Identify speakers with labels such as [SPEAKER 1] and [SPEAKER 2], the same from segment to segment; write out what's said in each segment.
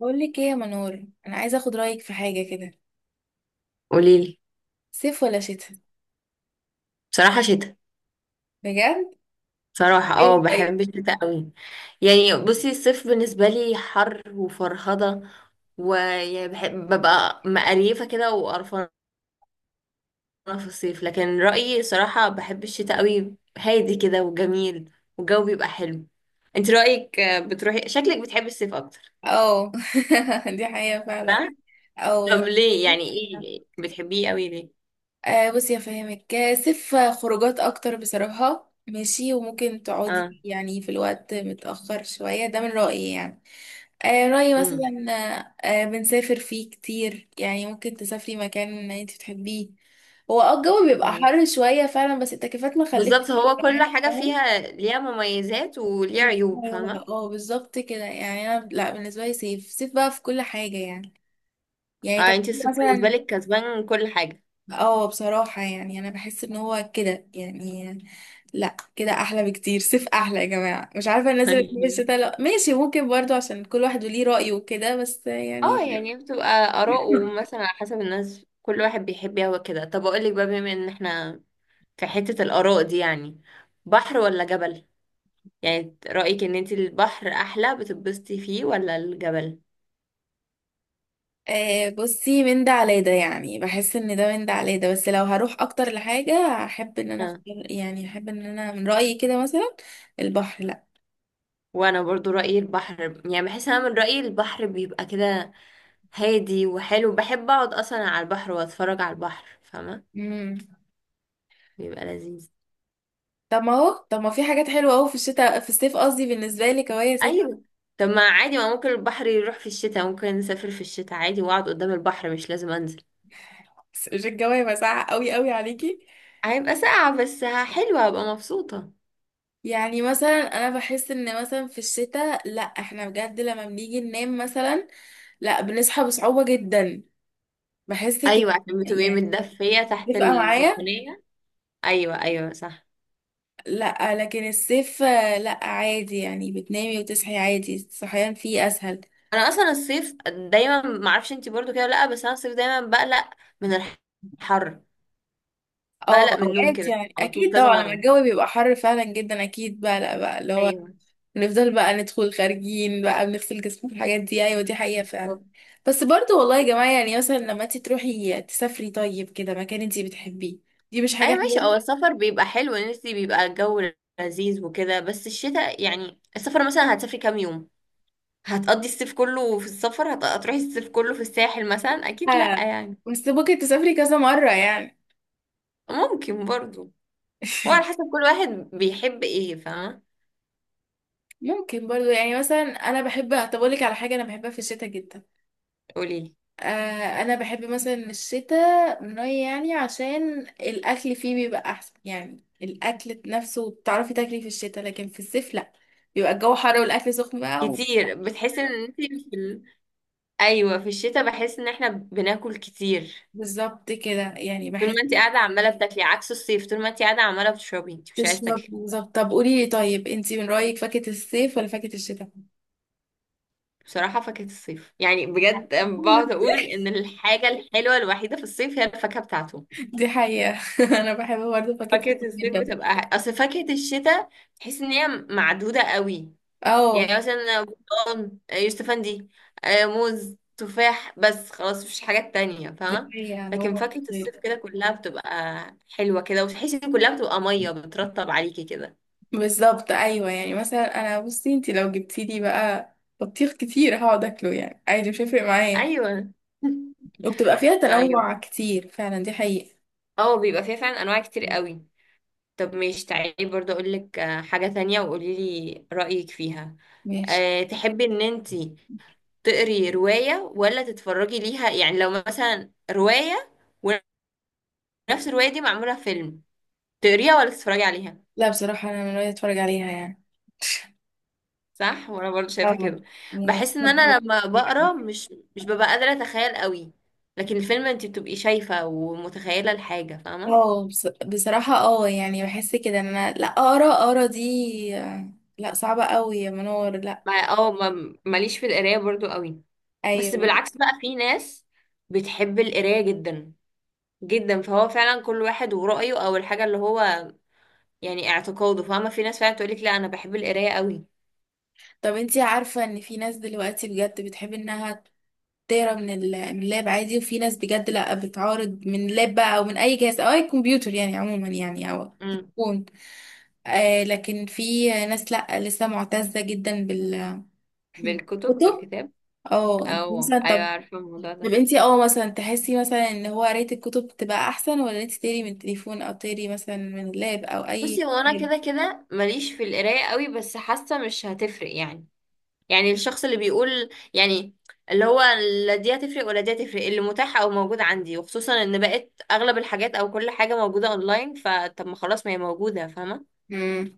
[SPEAKER 1] بقول لك ايه يا منور. انا عايزه اخد رايك في حاجه كده.
[SPEAKER 2] قوليلي.
[SPEAKER 1] صيف ولا شتاء؟
[SPEAKER 2] بصراحة شتاء.
[SPEAKER 1] بجد؟
[SPEAKER 2] بصراحة
[SPEAKER 1] ايه، طيب.
[SPEAKER 2] بحب الشتاء قوي. يعني بصي الصيف بالنسبة لي حر وفرهضة، ويعني بحب ببقى مقريفة كده وقرفانة في الصيف. لكن رأيي صراحة بحب الشتاء قوي، هادي كده وجميل والجو بيبقى حلو. انت رأيك بتروحي شكلك بتحبي الصيف اكتر؟
[SPEAKER 1] اه. دي حقيقه فعلا.
[SPEAKER 2] صح؟
[SPEAKER 1] اه،
[SPEAKER 2] طب
[SPEAKER 1] يعني.
[SPEAKER 2] ليه؟ يعني ايه ليه؟ بتحبيه قوي ليه؟
[SPEAKER 1] بصي افهمك، صيف خروجات اكتر بصراحه ماشي، وممكن تقعدي
[SPEAKER 2] اه.
[SPEAKER 1] يعني في الوقت متأخر شوية، ده من رأيي يعني. رأيي
[SPEAKER 2] امم
[SPEAKER 1] مثلا. بنسافر فيه كتير يعني، ممكن تسافري مكان انت بتحبيه. هو الجو بيبقى
[SPEAKER 2] أيوة.
[SPEAKER 1] حر شوية فعلا، بس التكييفات ما خلتش.
[SPEAKER 2] بالظبط، هو كل حاجة فيها ليها مميزات وليها عيوب،
[SPEAKER 1] ايوه،
[SPEAKER 2] فاهمة.
[SPEAKER 1] اه، بالظبط كده يعني، انا لا، بالنسبه لي سيف سيف بقى في كل حاجه يعني. يعني،
[SPEAKER 2] اه،
[SPEAKER 1] طب.
[SPEAKER 2] انت الصيف بالنسبة
[SPEAKER 1] مثلا.
[SPEAKER 2] لك كسبان كل حاجة.
[SPEAKER 1] اه، بصراحه يعني انا بحس ان هو كده يعني. لا، كده احلى بكتير. سيف احلى يا جماعه. مش عارفه الناس اللي بتحب الشتا، لا ماشي، ممكن برضو عشان كل واحد وليه رايه وكده، بس
[SPEAKER 2] اه،
[SPEAKER 1] يعني.
[SPEAKER 2] يعني بتبقى آراء، ومثلا على حسب الناس كل واحد بيحب يهوى كده. طب اقول لك بقى، بما ان احنا في حتة الآراء دي يعني، بحر ولا جبل؟ يعني رأيك ان انت البحر احلى بتتبسطي فيه ولا الجبل؟
[SPEAKER 1] بصي، من ده على ده يعني، بحس ان ده من ده على ده، بس لو هروح اكتر لحاجه، احب ان انا
[SPEAKER 2] اه،
[SPEAKER 1] اختار، يعني احب ان انا من رايي كده مثلا. البحر، لا.
[SPEAKER 2] وانا برضو رأيي البحر. يعني بحس انا من رأيي البحر بيبقى كده هادي وحلو، بحب اقعد اصلا على البحر واتفرج على البحر، فاهمة،
[SPEAKER 1] امم.
[SPEAKER 2] بيبقى لذيذ.
[SPEAKER 1] طب ما في حاجات حلوه قوي في الشتاء، في الصيف قصدي، بالنسبه لك اهو يا ست.
[SPEAKER 2] ايوه. طب ما عادي، ما ممكن البحر يروح في الشتاء، ممكن نسافر في الشتاء عادي واقعد قدام البحر، مش لازم انزل.
[SPEAKER 1] مش الجو مساعة قوي قوي عليكي؟
[SPEAKER 2] هيبقى ساقعة بس حلوة، هبقى مبسوطة.
[SPEAKER 1] يعني مثلا انا بحس ان مثلا في الشتاء، لا احنا بجد لما بنيجي ننام مثلا، لا بنصحى بصعوبة جدا. بحس كده.
[SPEAKER 2] ايوه، عشان بتبقي
[SPEAKER 1] يعني.
[SPEAKER 2] متدفية تحت
[SPEAKER 1] متفقة معايا؟
[SPEAKER 2] البطانية. ايوه ايوه صح.
[SPEAKER 1] لا لكن الصيف، لا عادي يعني بتنامي وتصحي عادي، الصحيان فيه اسهل.
[SPEAKER 2] انا اصلا الصيف دايما، ما اعرفش انتي برضو كده ولا لا، بس انا الصيف دايما بقلق من الحر،
[SPEAKER 1] اه،
[SPEAKER 2] بقلق من النوم
[SPEAKER 1] اوقات
[SPEAKER 2] كده
[SPEAKER 1] يعني
[SPEAKER 2] على طول
[SPEAKER 1] اكيد
[SPEAKER 2] كذا
[SPEAKER 1] طبعا لما
[SPEAKER 2] مرة.
[SPEAKER 1] الجو بيبقى حر فعلا جدا، اكيد بقى، لا بقى اللي هو،
[SPEAKER 2] ايوه.
[SPEAKER 1] نفضل بقى ندخل خارجين بقى بنغسل جسمنا في الحاجات دي. ايوه، دي حقيقة فعلا.
[SPEAKER 2] طب.
[SPEAKER 1] بس برضو والله يا جماعة، يعني مثلا لما انت تروحي تسافري طيب كده مكان انت بتحبيه، دي مش
[SPEAKER 2] ايوه
[SPEAKER 1] حاجة
[SPEAKER 2] ماشي، هو السفر بيبقى حلو ان انتي بيبقى الجو لذيذ وكده، بس الشتاء يعني السفر مثلا هتسافري كام يوم؟ هتقضي الصيف كله في السفر، هتروحي الصيف كله في الساحل مثلا؟ اكيد لا
[SPEAKER 1] حلوة،
[SPEAKER 2] يعني.
[SPEAKER 1] بس ممكن تسافري كذا مرة يعني.
[SPEAKER 2] ممكن برضو، هو على حسب كل واحد بيحب ايه، فاهمه.
[SPEAKER 1] ممكن برضو، يعني مثلا انا بحب. هطبقلك على حاجة انا بحبها في الشتاء جدا.
[SPEAKER 2] قوليلي.
[SPEAKER 1] انا بحب مثلا الشتاء، من رأيي يعني، عشان الاكل فيه بيبقى احسن، يعني الاكل نفسه بتعرفي تاكلي في الشتاء، لكن في الصيف لا، بيبقى الجو حر والاكل سخن بقى.
[SPEAKER 2] كتير بتحسي ان انت في. ايوه، في الشتاء بحس ان احنا بناكل كتير.
[SPEAKER 1] بالظبط كده يعني
[SPEAKER 2] طول
[SPEAKER 1] بحس.
[SPEAKER 2] ما انت قاعده عماله بتاكلي، عكس الصيف طول ما انت قاعده عماله بتشربي، انت مش عايزه
[SPEAKER 1] تشرب
[SPEAKER 2] تاكلي.
[SPEAKER 1] بالظبط. طب قولي لي طيب، انتي من رأيك فاكهة الصيف ولا فاكهة الشتاء؟
[SPEAKER 2] بصراحه فاكهه الصيف، يعني بجد أنا بقعد اقول ان الحاجه الحلوه الوحيده في الصيف هي الفاكهه بتاعته.
[SPEAKER 1] دي حقيقة. انا بحب برضه فاكهة
[SPEAKER 2] فاكهه
[SPEAKER 1] الصيف
[SPEAKER 2] الصيف
[SPEAKER 1] جدا.
[SPEAKER 2] بتبقى اصل فاكهه الشتاء تحس ان هي معدوده قوي.
[SPEAKER 1] اه.
[SPEAKER 2] يعني مثلا برتقال، يوسف افندي، موز، تفاح، بس خلاص مفيش حاجات تانية،
[SPEAKER 1] دي
[SPEAKER 2] فاهمة.
[SPEAKER 1] حقيقة
[SPEAKER 2] لكن
[SPEAKER 1] هو.
[SPEAKER 2] فاكهة
[SPEAKER 1] غير.
[SPEAKER 2] الصيف كده كلها بتبقى حلوة كده، وتحسي ان كلها بتبقى مية بترطب عليكي كده.
[SPEAKER 1] بالظبط، ايوه يعني مثلا انا بصي، انتي لو جبتي لي بقى بطيخ كتير، هقعد اكله يعني عادي، مش هيفرق معايا.
[SPEAKER 2] ايوه.
[SPEAKER 1] وبتبقى فيها
[SPEAKER 2] طيب.
[SPEAKER 1] تنوع كتير فعلا، دي حقيقة.
[SPEAKER 2] اه، بيبقى فيها فعلا انواع كتير قوي. طب مش تعالي برضه اقول لك حاجة تانية وقولي لي رأيك فيها.
[SPEAKER 1] ماشي.
[SPEAKER 2] تحبي ان انتي تقري رواية ولا تتفرجي ليها؟ يعني لو مثلا رواية ونفس الرواية دي معمولة فيلم، تقريها ولا تتفرجي عليها؟
[SPEAKER 1] لا بصراحة انا من رأيي اتفرج عليها يعني.
[SPEAKER 2] صح، وانا برضو شايفه
[SPEAKER 1] اه.
[SPEAKER 2] كده.
[SPEAKER 1] يعني
[SPEAKER 2] بحس ان
[SPEAKER 1] اتفضل.
[SPEAKER 2] انا لما بقرا مش ببقى قادره اتخيل قوي، لكن الفيلم انت بتبقي شايفه ومتخيله الحاجه، فاهمه.
[SPEAKER 1] اه، بصراحة، يعني بحس كده ان انا لا اقرا اقرا دي، لا صعبة قوي يا منور، لا.
[SPEAKER 2] ما اه ما- ماليش في القرايه برضو قوي، بس
[SPEAKER 1] ايوه.
[SPEAKER 2] بالعكس بقى في ناس بتحب القرايه جدا جدا. فهو فعلا كل واحد ورأيه، او الحاجه اللي هو يعني اعتقاده، فاهمه، في ناس فعلا تقولك لا انا بحب القرايه قوي.
[SPEAKER 1] طب انتي عارفة ان في ناس دلوقتي بجد بتحب انها تقرا من اللاب عادي، وفي ناس بجد لا، بتعارض من اللاب بقى، او من اي جهاز او اي كمبيوتر يعني عموما يعني، او
[SPEAKER 2] امم.
[SPEAKER 1] تكون، لكن في ناس لا لسه معتزة جدا بال
[SPEAKER 2] بالكتب،
[SPEAKER 1] كتب.
[SPEAKER 2] بالكتاب؟
[SPEAKER 1] اه، انت
[SPEAKER 2] او
[SPEAKER 1] مثلا،
[SPEAKER 2] ايوه،
[SPEAKER 1] طب.
[SPEAKER 2] عارفه الموضوع
[SPEAKER 1] طب
[SPEAKER 2] ده.
[SPEAKER 1] انتي مثلا تحسي مثلا ان هو قراية الكتب تبقى احسن، ولا انتي تقري من التليفون، او تقري مثلا من اللاب، او اي
[SPEAKER 2] بصي، هو انا
[SPEAKER 1] كتاب؟
[SPEAKER 2] كده كده ماليش في القرايه قوي، بس حاسه مش هتفرق يعني. يعني الشخص اللي بيقول يعني اللي هو لا دي هتفرق ولا دي هتفرق، اللي متاح او موجود عندي، وخصوصا ان بقت اغلب الحاجات او كل حاجه موجوده اونلاين، فطب ما خلاص ما هي موجوده، فاهمه.
[SPEAKER 1] امم.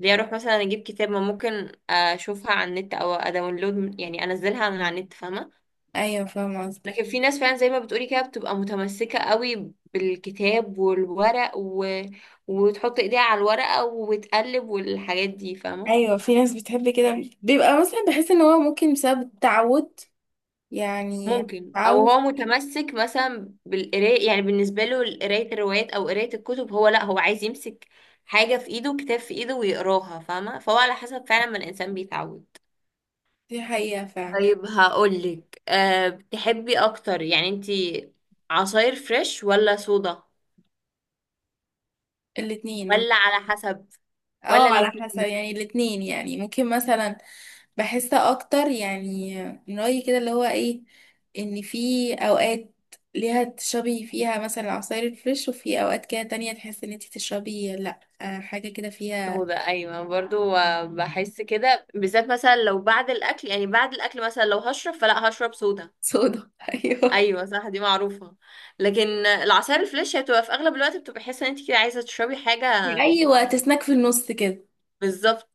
[SPEAKER 2] ليه اروح مثلا اجيب كتاب ما ممكن اشوفها على النت او اداونلود، يعني انزلها من على النت، فاهمه.
[SPEAKER 1] ايوه، فاهمة قصدك.
[SPEAKER 2] لكن في ناس فعلا زي ما بتقولي كده بتبقى متمسكة قوي بالكتاب والورق وتحط ايديها على الورقة وتقلب والحاجات دي، فاهمة.
[SPEAKER 1] ايوه، في ناس بتحب كده، بيبقى مثلا بحس ان هو ممكن بسبب التعود يعني،
[SPEAKER 2] ممكن، او
[SPEAKER 1] تعود.
[SPEAKER 2] هو متمسك مثلا بالقراية يعني، بالنسبة له قراية الروايات او قراية الكتب، هو لا هو عايز يمسك حاجة في ايده، كتاب في ايده ويقراها، فاهمة. فهو على حسب فعلا ما الانسان بيتعود.
[SPEAKER 1] دي حقيقة فعلا.
[SPEAKER 2] طيب هقولك. بتحبي اكتر يعني انتي عصاير فريش ولا صودا،
[SPEAKER 1] الاتنين.
[SPEAKER 2] ولا على حسب، ولا
[SPEAKER 1] اه، على
[SPEAKER 2] الاتنين؟
[SPEAKER 1] حسب يعني، الاتنين يعني ممكن مثلا، بحس اكتر يعني، من رأيي كده اللي هو ايه، ان في اوقات ليها تشربي فيها مثلا عصاير الفريش، وفي اوقات كده تانية تحس ان انتي تشربي لا، حاجة كده فيها
[SPEAKER 2] سودا؟ ايوه برضو، بحس كده بالذات مثلا لو بعد الاكل، يعني بعد الاكل مثلا لو هشرب فلا هشرب سودا.
[SPEAKER 1] صودا. ايوه.
[SPEAKER 2] ايوه صح، دي معروفه. لكن العصاير الفريش هي بتبقى في اغلب الوقت، بتبقى حاسه ان انت كده عايزه تشربي حاجه.
[SPEAKER 1] ايوه، تسناك في النص كده.
[SPEAKER 2] بالظبط.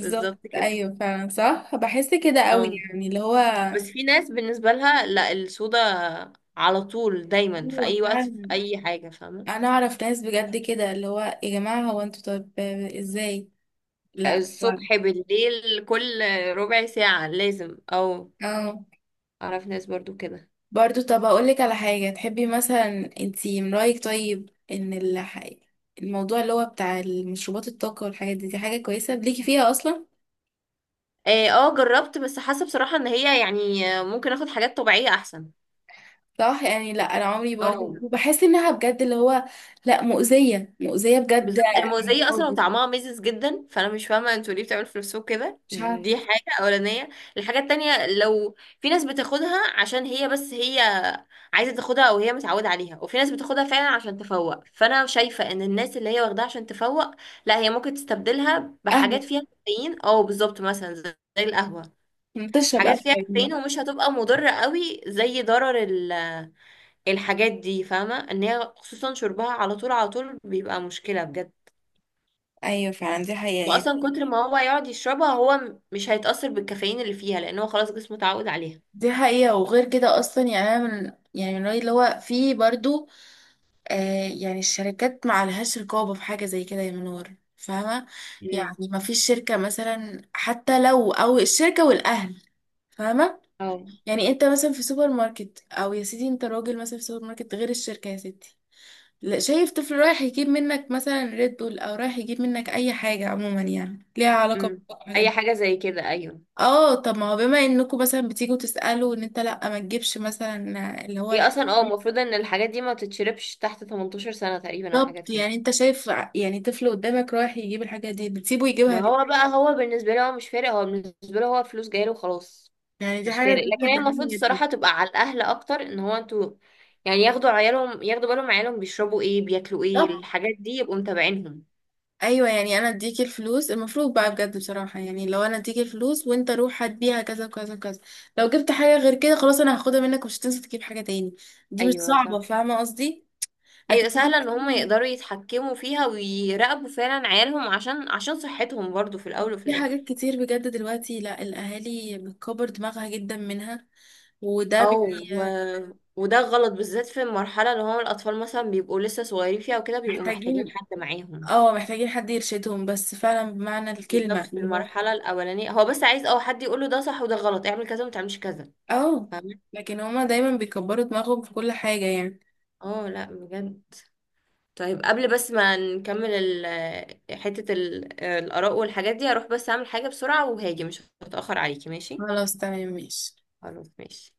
[SPEAKER 2] بالظبط كده.
[SPEAKER 1] ايوه فعلا، صح، بحس كده قوي
[SPEAKER 2] اه.
[SPEAKER 1] يعني اللي هو.
[SPEAKER 2] بس في ناس بالنسبه لها لا السودا على طول، دايما في
[SPEAKER 1] ايوه
[SPEAKER 2] اي وقت في
[SPEAKER 1] فعلا،
[SPEAKER 2] اي حاجه، فاهمه.
[SPEAKER 1] انا اعرف ناس بجد كده اللي هو، يا جماعة هو انتوا طب ازاي؟ لا.
[SPEAKER 2] الصبح بالليل كل ربع ساعه لازم او.
[SPEAKER 1] اه.
[SPEAKER 2] اعرف ناس برضو كده.
[SPEAKER 1] برضو، طب اقولك على حاجة تحبي مثلا انتي، من رأيك طيب، الموضوع اللي هو بتاع المشروبات الطاقة والحاجات دي، دي حاجة كويسة ليكي فيها اصلا؟
[SPEAKER 2] جربت بس حاسه بصراحه ان هي يعني، ممكن اخد حاجات طبيعيه احسن.
[SPEAKER 1] صح يعني، لا انا عمري برضو،
[SPEAKER 2] اه
[SPEAKER 1] بحس انها بجد اللي هو، لا، مؤذية مؤذية بجد.
[SPEAKER 2] بالظبط، الموزية اصلا وطعمها ميزز جدا، فانا مش فاهمه انتوا ليه بتعملوا في نفسكم كده.
[SPEAKER 1] مش عارف.
[SPEAKER 2] دي حاجه اولانيه. الحاجه التانية، لو في ناس بتاخدها عشان هي بس هي عايزه تاخدها او هي متعوده عليها، وفي ناس بتاخدها فعلا عشان تفوق، فانا شايفه ان الناس اللي هي واخداها عشان تفوق لا، هي ممكن تستبدلها
[SPEAKER 1] قهوة.
[SPEAKER 2] بحاجات فيها كافيين، اه بالظبط، مثلا زي القهوه.
[SPEAKER 1] بتشرب
[SPEAKER 2] حاجات
[SPEAKER 1] قهوة
[SPEAKER 2] فيها
[SPEAKER 1] يا جماعة.
[SPEAKER 2] كافيين ومش هتبقى مضره قوي زي ضرر الحاجات دي، فاهمة ان هي خصوصا شربها على طول على طول بيبقى مشكلة بجد.
[SPEAKER 1] ايوه فعلا، دي حقيقة يعني.
[SPEAKER 2] واصلا كتر ما هو يقعد يشربها هو مش هيتأثر بالكافيين اللي فيها، لان هو خلاص جسمه اتعود عليها.
[SPEAKER 1] دي حقيقة، وغير كده اصلا يعني انا من، يعني من رأيي اللي هو في برضو، يعني الشركات ما عليهاش رقابة في حاجة زي كده يا منور، فاهمة؟ يعني
[SPEAKER 2] امم.
[SPEAKER 1] ما فيش شركة مثلا، حتى لو أو الشركة والأهل، فاهمة؟
[SPEAKER 2] أو.
[SPEAKER 1] يعني أنت مثلا في سوبر ماركت، أو يا سيدي أنت راجل مثلا في سوبر ماركت غير الشركة يا ستي، لا، شايف طفل رايح يجيب منك مثلا ريد بول، أو رايح يجيب منك أي حاجة عموما يعني ليها علاقة
[SPEAKER 2] امم.
[SPEAKER 1] بالحاجات
[SPEAKER 2] اي
[SPEAKER 1] دي.
[SPEAKER 2] حاجة زي كده، ايوه.
[SPEAKER 1] اه، طب ما هو بما انكم مثلا بتيجوا تسألوا، ان انت لا ما تجيبش مثلا اللي هو
[SPEAKER 2] هي
[SPEAKER 1] الحاجات.
[SPEAKER 2] اصلا المفروض ان الحاجات دي ما تتشربش تحت 18 سنة تقريبا، او حاجات
[SPEAKER 1] بالظبط،
[SPEAKER 2] كده.
[SPEAKER 1] يعني انت شايف يعني طفل قدامك رايح يجيب الحاجة دي، بتسيبه يجيبها
[SPEAKER 2] ما هو
[SPEAKER 1] ليه؟
[SPEAKER 2] بقى هو بالنسبة له هو مش فارق، هو بالنسبة له هو فلوس جايله وخلاص.
[SPEAKER 1] يعني دي
[SPEAKER 2] مش
[SPEAKER 1] حاجة
[SPEAKER 2] فارق، لكن
[SPEAKER 1] بجد
[SPEAKER 2] هي المفروض
[SPEAKER 1] جميلة جدا.
[SPEAKER 2] الصراحة تبقى على الأهل أكتر، إن هو انتوا يعني ياخدوا عيالهم، ياخدوا بالهم عيالهم بيشربوا ايه، بياكلوا ايه،
[SPEAKER 1] بالظبط،
[SPEAKER 2] الحاجات دي، يبقوا متابعينهم.
[SPEAKER 1] ايوه، يعني انا اديك الفلوس المفروض بقى بجد بصراحة، يعني لو انا اديك الفلوس وانت روح هات بيها كذا وكذا وكذا، لو جبت حاجة غير كده خلاص انا هاخدها منك، ومش هتنسى تجيب حاجة تاني. دي مش
[SPEAKER 2] أيوة
[SPEAKER 1] صعبة،
[SPEAKER 2] صح.
[SPEAKER 1] فاهمة قصدي؟
[SPEAKER 2] أيوة
[SPEAKER 1] لكن.
[SPEAKER 2] سهلة إن هم يقدروا يتحكموا فيها ويراقبوا فعلا عيالهم، عشان صحتهم برضو في الأول وفي
[SPEAKER 1] في حاجات
[SPEAKER 2] الآخر.
[SPEAKER 1] كتير بجد دلوقتي، لا الاهالي بتكبر دماغها جدا منها، وده
[SPEAKER 2] وده غلط بالذات في المرحلة اللي هم الأطفال مثلا بيبقوا لسه صغيرين فيها وكده، بيبقوا محتاجين
[SPEAKER 1] محتاجين
[SPEAKER 2] حد معاهم.
[SPEAKER 1] اه محتاجين حد يرشدهم، بس فعلا بمعنى
[SPEAKER 2] بالظبط،
[SPEAKER 1] الكلمة
[SPEAKER 2] في
[SPEAKER 1] اللي هو.
[SPEAKER 2] المرحلة الأولانية هو بس عايز أو حد يقوله ده صح وده غلط، اعمل كذا ومتعملش كذا،
[SPEAKER 1] اه،
[SPEAKER 2] فاهمة.
[SPEAKER 1] لكن هما دايما بيكبروا دماغهم في كل حاجة يعني.
[SPEAKER 2] اه لا بجد. طيب قبل بس ما نكمل ال- آه، حتة ال- آه، الآراء والحاجات دي، هروح بس أعمل حاجة بسرعة وهاجي، مش هتأخر عليكي ماشي؟
[SPEAKER 1] خلاص، تمام، ماشي.
[SPEAKER 2] خلاص ماشي.